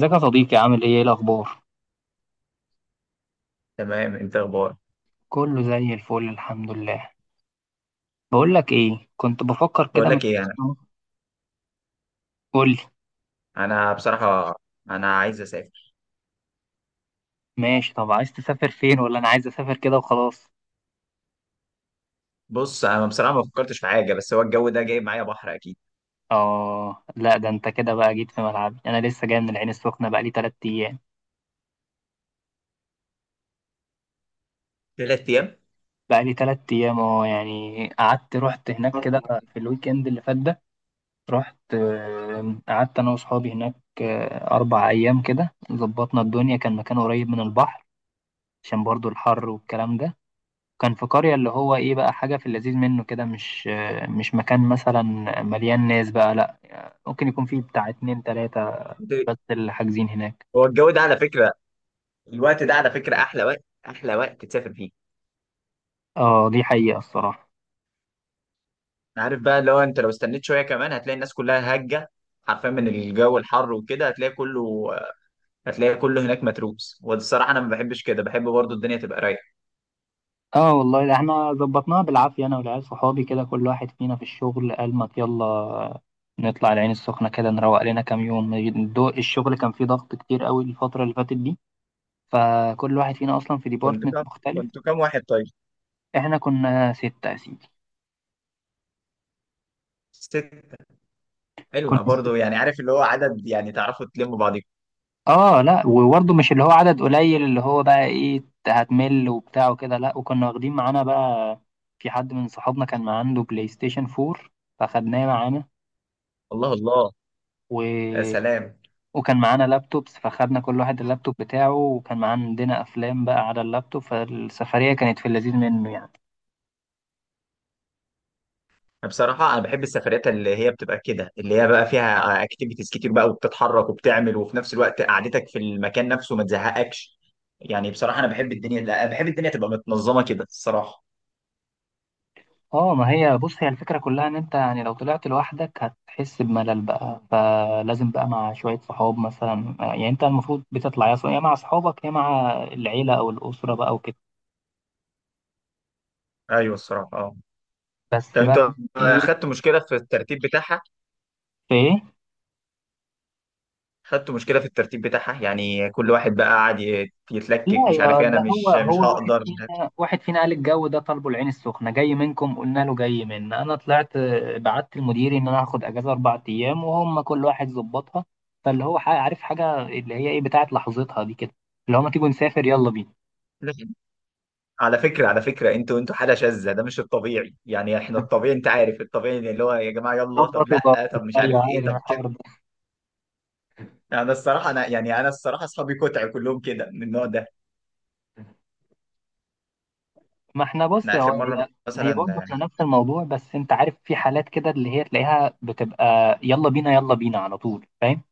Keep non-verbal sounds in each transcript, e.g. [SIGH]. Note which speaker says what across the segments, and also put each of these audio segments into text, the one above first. Speaker 1: ازيك يا صديقي، عامل ايه؟ الاخبار؟
Speaker 2: تمام، انت اخبارك؟
Speaker 1: كله زي الفل، الحمد لله. بقول لك ايه، كنت بفكر
Speaker 2: بقول
Speaker 1: كده من...
Speaker 2: لك ايه، انا
Speaker 1: قول لي.
Speaker 2: انا بصراحه، انا عايز اسافر.
Speaker 1: ماشي، طب عايز تسافر فين ولا انا عايز اسافر كده وخلاص؟
Speaker 2: بص، انا بصراحه ما فكرتش في حاجه، بس هو الجو ده جايب معايا بحر اكيد.
Speaker 1: اه لا، ده انت كده بقى جيت في ملعبي، انا لسه جاي من العين السخنه، بقى لي 3 ايام.
Speaker 2: 3 ايام؟
Speaker 1: بقى لي 3 ايام، اه، يعني قعدت رحت هناك كده
Speaker 2: [LAUGHS]
Speaker 1: في الويك اند اللي فات ده. رحت، قعدت انا واصحابي هناك. اربع ايام كده ظبطنا الدنيا، كان مكان قريب من البحر، عشان برضو الحر والكلام ده. كان في قرية، اللي هو ايه بقى، حاجة في اللذيذ منه كده، مش مكان مثلا مليان ناس بقى، لا، ممكن يكون فيه بتاع اتنين تلاتة بس اللي حاجزين هناك.
Speaker 2: هو الجو ده على فكره، الوقت ده على فكره احلى وقت تسافر فيه.
Speaker 1: اه دي حقيقة الصراحة.
Speaker 2: عارف بقى اللي هو انت لو استنيت شويه كمان هتلاقي الناس كلها هجه، حرفيا من الجو الحر وكده، هتلاقي كله هناك متروس، والصراحه انا ما بحبش كده، بحب برضو الدنيا تبقى رايقه.
Speaker 1: اه والله، ده احنا ظبطناها بالعافية، انا والعيال صحابي كده كل واحد فينا في الشغل قال ما يلا نطلع العين السخنة كده نروق لنا كام يوم. الشغل كان فيه ضغط كتير قوي الفترة اللي فاتت دي، فكل واحد فينا اصلا في
Speaker 2: كنت
Speaker 1: ديبارتمنت
Speaker 2: كام
Speaker 1: مختلف.
Speaker 2: كنت كام واحد طيب؟
Speaker 1: احنا كنا ستة يا سيدي.
Speaker 2: ست؟
Speaker 1: كنا...
Speaker 2: حلوه برضو، يعني عارف اللي هو عدد، يعني تعرفوا تلموا بعض.
Speaker 1: اه لا، وبرضه مش اللي هو عدد قليل اللي هو بقى ايه هتمل وبتاع وكده، لا. وكنا واخدين معانا بقى، في حد من صحابنا كان معاه عنده بلاي ستيشن 4، فخدناه معانا.
Speaker 2: الله الله.
Speaker 1: و...
Speaker 2: يا سلام.
Speaker 1: وكان معانا لابتوبس، فخدنا كل واحد اللابتوب بتاعه، وكان معانا عندنا افلام بقى على اللابتوب، فالسفرية كانت في اللذيذ منه يعني.
Speaker 2: بصراحة أنا بحب السفريات اللي هي بتبقى كده، اللي هي بقى فيها أكتيفيتيز كتير بقى، وبتتحرك وبتعمل، وفي نفس الوقت قعدتك في المكان نفسه ما تزهقكش. يعني بصراحة أنا بحب الدنيا، لا بحب الدنيا تبقى متنظمة كده الصراحة.
Speaker 1: اه ما هي بص، هي الفكرة كلها ان انت يعني لو طلعت لوحدك هتحس بملل بقى، فلازم بقى مع شوية صحاب مثلا، يعني انت المفروض بتطلع يا مع صحابك يا مع العيلة او الأسرة بقى وكده.
Speaker 2: أيوه الصراحة، أه. طب
Speaker 1: بس بقى.
Speaker 2: أنت
Speaker 1: ايه؟
Speaker 2: أخدت مشكلة في الترتيب بتاعها؟
Speaker 1: في ايه؟
Speaker 2: أخدت مشكلة في الترتيب بتاعها، يعني كل واحد بقى قاعد
Speaker 1: لا
Speaker 2: يتلكك، مش عارف
Speaker 1: يا،
Speaker 2: إيه، أنا
Speaker 1: ده هو
Speaker 2: مش
Speaker 1: هو واحد
Speaker 2: هقدر.
Speaker 1: فينا واحد فينا قال الجو ده طالبه، العين السخنة جاي منكم؟ قلنا له جاي منا. انا طلعت بعت لمديري ان انا هاخد اجازة اربع ايام، وهم كل واحد ظبطها. فاللي هو عارف حاجة اللي هي ايه بتاعت لحظتها دي كده، اللي هو ما تيجوا نسافر، يلا بينا.
Speaker 2: لا. على فكرة انتوا حالة شاذة، ده مش الطبيعي، يعني احنا الطبيعي، انت عارف الطبيعي اللي هو يا جماعة يلا، طب
Speaker 1: ظبط وظبط.
Speaker 2: لا، طب مش عارف
Speaker 1: ايوه، عارف
Speaker 2: ايه، طب كده.
Speaker 1: الحوار ده.
Speaker 2: يعني انا الصراحة اصحابي كتع كلهم كده من النوع ده.
Speaker 1: ما احنا بص،
Speaker 2: احنا
Speaker 1: هو
Speaker 2: اخر
Speaker 1: هي...
Speaker 2: مرة
Speaker 1: هي
Speaker 2: مثلا.
Speaker 1: برضه احنا نفس الموضوع، بس انت عارف في حالات كده اللي هي تلاقيها بتبقى يلا بينا، يلا بينا على طول، فاهم؟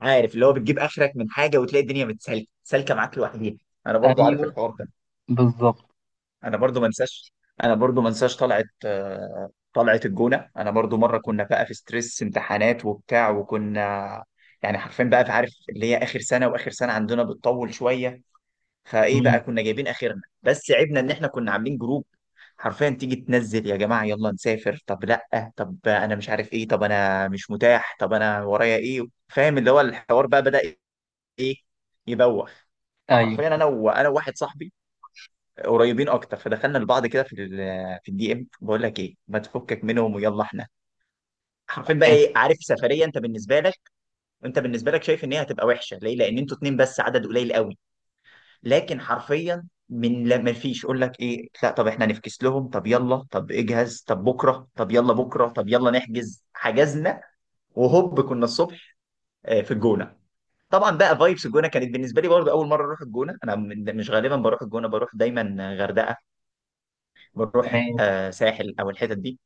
Speaker 2: عارف اللي هو بتجيب اخرك من حاجة وتلاقي الدنيا سالكة معاك لوحديها. انا برضو عارف
Speaker 1: ايوه،
Speaker 2: الحوار ده.
Speaker 1: بالظبط.
Speaker 2: انا برضو ما انساش انا برضو ما انساش طلعت الجونة. انا برضو مرة كنا بقى في ستريس امتحانات وبتاع، وكنا يعني حرفيا بقى في، عارف اللي هي اخر سنة، واخر سنة عندنا بتطول شوية. فايه بقى،
Speaker 1: مم.
Speaker 2: كنا جايبين اخرنا، بس عيبنا ان احنا كنا عاملين جروب. حرفيا تيجي تنزل يا جماعه، يلا نسافر، طب لا، طب انا مش عارف ايه، طب انا مش متاح، طب انا ورايا ايه. فاهم اللي هو الحوار بقى بدأ، ايه، يبوخ.
Speaker 1: ايوه.
Speaker 2: فحرفيا انا وواحد صاحبي قريبين اكتر، فدخلنا لبعض كده في في الدي ام، بقول لك ايه، ما تفكك منهم ويلا احنا. حرفيا بقى،
Speaker 1: حلو.
Speaker 2: ايه، عارف سفريه انت بالنسبه لك، انت بالنسبه لك شايف ان هي هتبقى وحشه ليه؟ لان انتوا اتنين بس، عدد قليل قوي. لكن حرفيا من، لا ما فيش، يقول لك ايه، لا طب احنا نفكس لهم، طب يلا، طب اجهز، طب بكره، طب يلا بكره، طب يلا نحجز، حجزنا. وهوب كنا الصبح في الجونه. طبعا بقى فايبس الجونه كانت بالنسبه لي، برضه اول مره اروح الجونه، انا مش غالبا بروح الجونه، بروح دايما غردقه، بروح
Speaker 1: ماشي،
Speaker 2: ساحل او الحتت دي.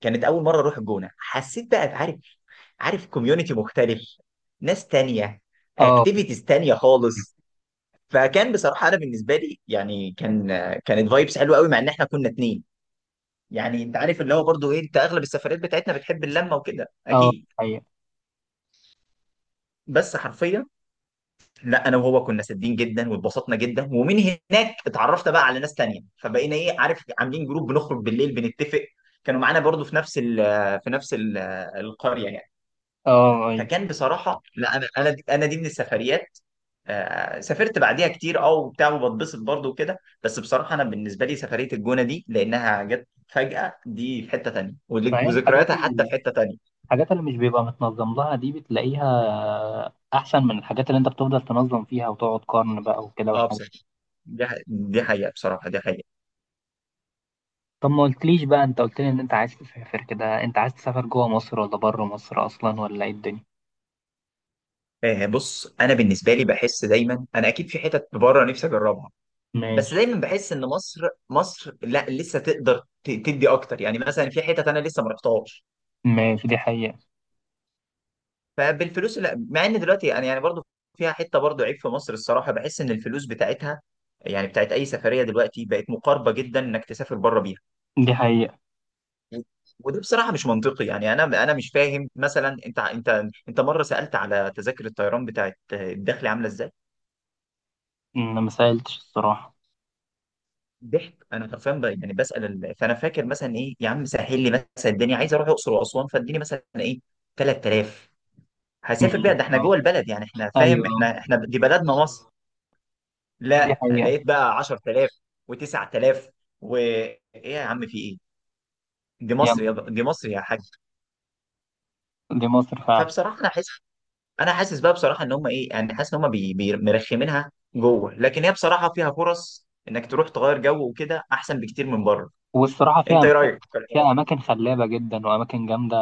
Speaker 2: كانت اول مره اروح الجونه، حسيت بقى عارف، عارف كوميونتي مختلف، ناس تانية،
Speaker 1: اه،
Speaker 2: اكتيفيتيز تانية خالص. فكان بصراحه انا بالنسبه لي، يعني كان، كانت فايبس حلوه قوي، مع ان احنا كنا اتنين. يعني انت عارف اللي هو برضو، ايه، انت اغلب السفريات بتاعتنا بتحب اللمه وكده
Speaker 1: اه،
Speaker 2: اكيد.
Speaker 1: ايوه،
Speaker 2: بس حرفيا، لا انا وهو كنا سادين جدا واتبسطنا جدا، ومن هناك اتعرفت بقى على ناس تانية، فبقينا، ايه، عارف، عاملين جروب بنخرج بالليل بنتفق. كانوا معانا برضو في نفس في نفس القريه يعني.
Speaker 1: اه، ايوه.
Speaker 2: فكان بصراحه، لا انا، انا دي من السفريات. سافرت بعديها كتير، وبتاع، وبتبسط برضه وكده. بس بصراحه انا بالنسبه لي سفريه الجونه دي، لانها جت فجاه، دي في حته تانيه،
Speaker 1: فهي
Speaker 2: وذكرياتها حتى في حته تانيه.
Speaker 1: الحاجات اللي مش بيبقى متنظم لها دي بتلاقيها احسن من الحاجات اللي انت بتفضل تنظم فيها وتقعد قرن بقى وكده
Speaker 2: اه
Speaker 1: والحاجات.
Speaker 2: بصراحه، دي حقيقه، بصراحه دي حقيقه.
Speaker 1: طب ما قلتليش بقى، انت قلت لي ان انت عايز تسافر كده، انت عايز تسافر جوه مصر ولا بره مصر اصلا، ولا ايه الدنيا؟
Speaker 2: آه بص، انا بالنسبه لي بحس دايما انا اكيد في حتت بره نفسي اجربها، بس
Speaker 1: ماشي.
Speaker 2: دايما بحس ان مصر، مصر لا لسه تقدر تدي اكتر، يعني مثلا في حتت انا لسه ما رحتهاش.
Speaker 1: ماشي، دي حقيقة.
Speaker 2: فبالفلوس، لا، مع ان دلوقتي انا يعني برضو فيها حته، برضو عيب في مصر الصراحه، بحس ان الفلوس بتاعتها، يعني بتاعت اي سفريه، دلوقتي بقت مقاربه جدا انك تسافر بره بيها.
Speaker 1: دي حقيقة.
Speaker 2: وده بصراحه مش منطقي، يعني انا مش فاهم، مثلا انت مره سالت على تذاكر الطيران بتاعت الداخلي عامله ازاي؟
Speaker 1: انا ما سألتش الصراحة.
Speaker 2: ضحك، انا حرفيا يعني بسال فانا فاكر مثلا، ايه يا عم، سهل لي مثلا الدنيا، عايز اروح الاقصر واسوان، فاديني مثلا ايه، 3000، هسافر بيها، ده
Speaker 1: ماشي،
Speaker 2: احنا
Speaker 1: اه.
Speaker 2: جوه البلد يعني، احنا
Speaker 1: ايوه،
Speaker 2: فاهم، احنا
Speaker 1: اه.
Speaker 2: احنا دي بلدنا مصر.
Speaker 1: دي
Speaker 2: لا
Speaker 1: حقيقة.
Speaker 2: لقيت بقى 10,000 و9000، وايه يا عم في ايه،
Speaker 1: يلا.
Speaker 2: دي مصر يا حاج.
Speaker 1: دي مصر فعلا.
Speaker 2: فبصراحه انا حاسس بقى بصراحه، ان هم، ايه يعني، حاسس ان هم مرخمينها جوه، لكن هي بصراحه فيها فرص انك تروح تغير جو وكده، احسن بكتير من بره.
Speaker 1: والصراحة فيها
Speaker 2: انت ايه
Speaker 1: اماكن،
Speaker 2: رايك في الحوار؟
Speaker 1: فيها اماكن خلابة جدا واماكن جامدة.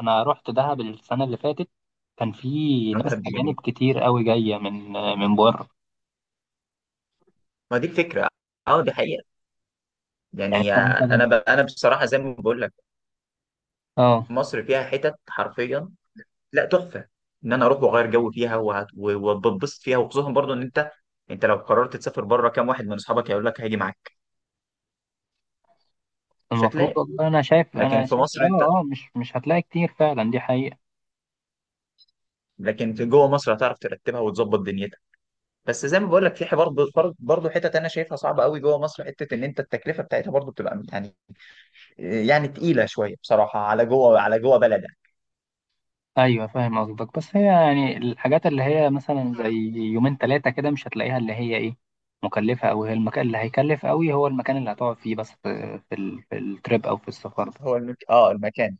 Speaker 1: انا رحت دهب السنة اللي فاتت، كان في
Speaker 2: بتاع
Speaker 1: ناس
Speaker 2: دهب دي
Speaker 1: اجانب
Speaker 2: جميل،
Speaker 1: كتير قوي جاية من بره.
Speaker 2: ما دي الفكره، اه دي حقيقه.
Speaker 1: يعني
Speaker 2: يعني
Speaker 1: انت مثلا.
Speaker 2: انا انا بصراحه زي ما بقول لك،
Speaker 1: اه.
Speaker 2: مصر فيها حتت حرفيا، لا، تحفه، ان انا اروح واغير جو فيها، وبتبسط فيها، وخصوصا برضو ان انت، انت لو قررت تسافر بره، كام واحد من اصحابك هيقول لك هاجي معاك؟ مش
Speaker 1: المفروض
Speaker 2: هتلاقي.
Speaker 1: والله. انا شايف
Speaker 2: لكن
Speaker 1: انا
Speaker 2: في
Speaker 1: شايف
Speaker 2: مصر انت،
Speaker 1: اه، اه، مش هتلاقي كتير فعلا، دي حقيقة.
Speaker 2: لكن في جوه مصر هتعرف ترتبها وتظبط دنيتك. بس زي ما بقول لك في حوار برضه، حتت انا شايفها صعبه قوي جوه مصر، حته ان انت التكلفه بتاعتها برضه بتبقى يعني، يعني تقيله شويه بصراحه على جوه، بلدك.
Speaker 1: ايوه فاهم قصدك، بس هي يعني الحاجات اللي هي مثلا زي يومين ثلاثة كده مش هتلاقيها اللي هي ايه، مكلفة، او هي المكان اللي هيكلف قوي، هو المكان اللي هتقعد فيه بس، في التريب او في السفر ده.
Speaker 2: هو المكان،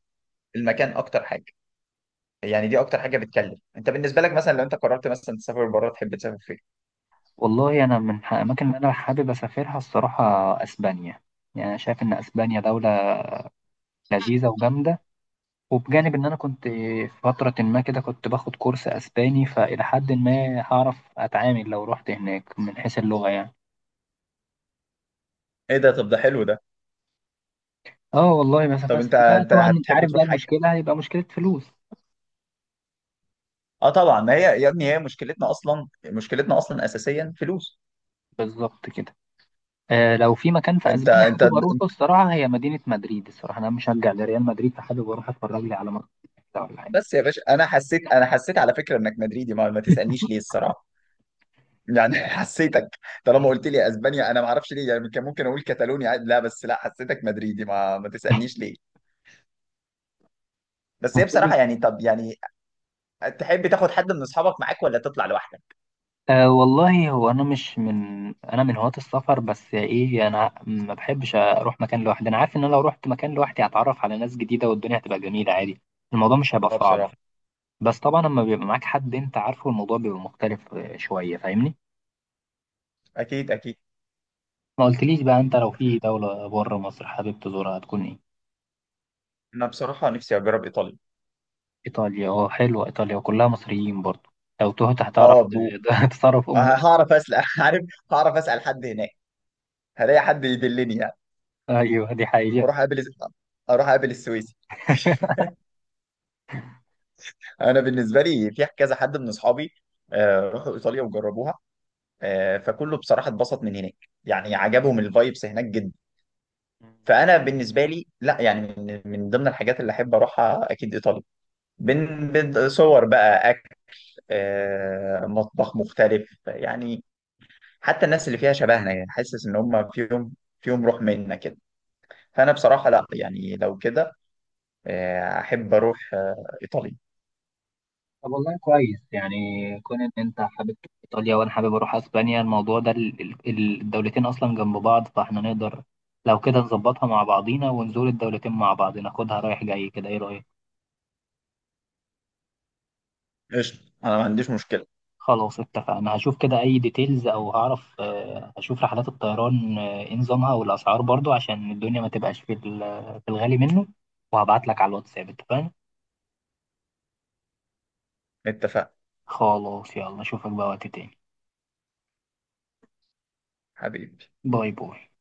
Speaker 2: المكان اكتر حاجه، يعني دي اكتر حاجه بتكلف. انت بالنسبه لك مثلا، لو انت قررت مثلا تسافر بره، تحب تسافر فين؟
Speaker 1: والله انا من الاماكن اللي انا حابب اسافرها الصراحة، اسبانيا. يعني انا شايف ان اسبانيا دولة لذيذة وجامدة، وبجانب ان انا كنت في فترة ما كده كنت باخد كورس اسباني، فالى حد ما هعرف اتعامل لو رحت هناك من حيث اللغة يعني.
Speaker 2: ايه ده، طب ده حلو ده.
Speaker 1: اه والله، بس
Speaker 2: طب
Speaker 1: بس
Speaker 2: انت
Speaker 1: بقى،
Speaker 2: انت
Speaker 1: طبعا انت
Speaker 2: هتحب
Speaker 1: عارف
Speaker 2: تروح
Speaker 1: بقى
Speaker 2: حاجه؟
Speaker 1: المشكلة هيبقى مشكلة فلوس.
Speaker 2: اه طبعا، ما هي يا ابني هي مشكلتنا اصلا، مشكلتنا اصلا اساسيا فلوس.
Speaker 1: بالظبط كده. لو في مكان في
Speaker 2: انت
Speaker 1: اسبانيا
Speaker 2: انت
Speaker 1: حابب اروحه الصراحة، هي مدينة مدريد، الصراحة انا مشجع لريال مدريد، فحابب اروح اتفرج لي على ماتش ولا حاجة.
Speaker 2: بس يا باشا، انا حسيت على فكره انك مدريدي، ما تسالنيش ليه الصراحه، يعني [LAUGHS] حسيتك، طالما قلت لي اسبانيا انا ما اعرفش ليه، يعني كان ممكن اقول كتالونيا عادي، لا بس لا حسيتك مدريدي، ما تسالنيش ليه. بس هي
Speaker 1: وكل...
Speaker 2: بصراحه يعني، طب يعني تحب تاخد حد من اصحابك معاك ولا تطلع لوحدك؟
Speaker 1: والله، هو انا مش من انا من هواة السفر، بس ايه، انا ما بحبش اروح مكان لوحدي، انا عارف ان انا لو رحت مكان لوحدي هتعرف على ناس جديده والدنيا هتبقى جميله عادي. الموضوع مش هيبقى
Speaker 2: اه
Speaker 1: صعب.
Speaker 2: بصراحه،
Speaker 1: بس طبعا لما بيبقى معاك حد انت عارفه، الموضوع بيبقى مختلف شويه، فاهمني؟
Speaker 2: اكيد اكيد.
Speaker 1: ما قلتليش بقى، انت لو في دوله بره مصر حابب تزورها هتكون ايه؟
Speaker 2: انا بصراحه نفسي اجرب ايطاليا.
Speaker 1: ايطاليا، اه حلوه ايطاليا، وكلها مصريين برضه، لو تهت هتعرف
Speaker 2: اه،
Speaker 1: [LAUGHS] تتصرف امور.
Speaker 2: هعرف اسال [LAUGHS] عارف، هعرف اسال حد هناك، هلاقي حد يدلني يعني،
Speaker 1: ايوه دي حقيقه.
Speaker 2: واروح اقابل اروح اقابل السويسي. [LAUGHS] انا بالنسبه لي في كذا حد من اصحابي راحوا ايطاليا وجربوها، فكله بصراحه اتبسط من هناك، يعني عجبهم الفايبس هناك جدا.
Speaker 1: [LAUGHS]
Speaker 2: فانا بالنسبه لي لا يعني، من ضمن الحاجات اللي احب اروحها اكيد ايطاليا. بين بين، صور بقى، اكل، مطبخ مختلف يعني، حتى الناس اللي فيها شبهنا، يعني حاسس ان هم فيهم، فيهم روح منا كده. فانا بصراحه لا، يعني لو كده، احب اروح ايطاليا.
Speaker 1: طب والله كويس يعني، كون ان انت حابب تروح ايطاليا وانا حابب اروح اسبانيا، الموضوع ده الدولتين اصلا جنب بعض، فاحنا نقدر لو كده نظبطها مع بعضينا ونزور الدولتين مع بعض، ناخدها رايح جاي كده، ايه رايك؟
Speaker 2: قشطة، أنا ما عنديش مشكلة.
Speaker 1: خلاص اتفقنا، هشوف كده اي ديتيلز، او هعرف، هشوف رحلات الطيران، ايه نظامها والاسعار برضو عشان الدنيا ما تبقاش في الغالي منه، وهبعت لك على الواتساب، اتفقنا؟
Speaker 2: اتفقنا.
Speaker 1: خلاص، يلا اشوفك بقى وقت تاني.
Speaker 2: حبيبي.
Speaker 1: باي باي.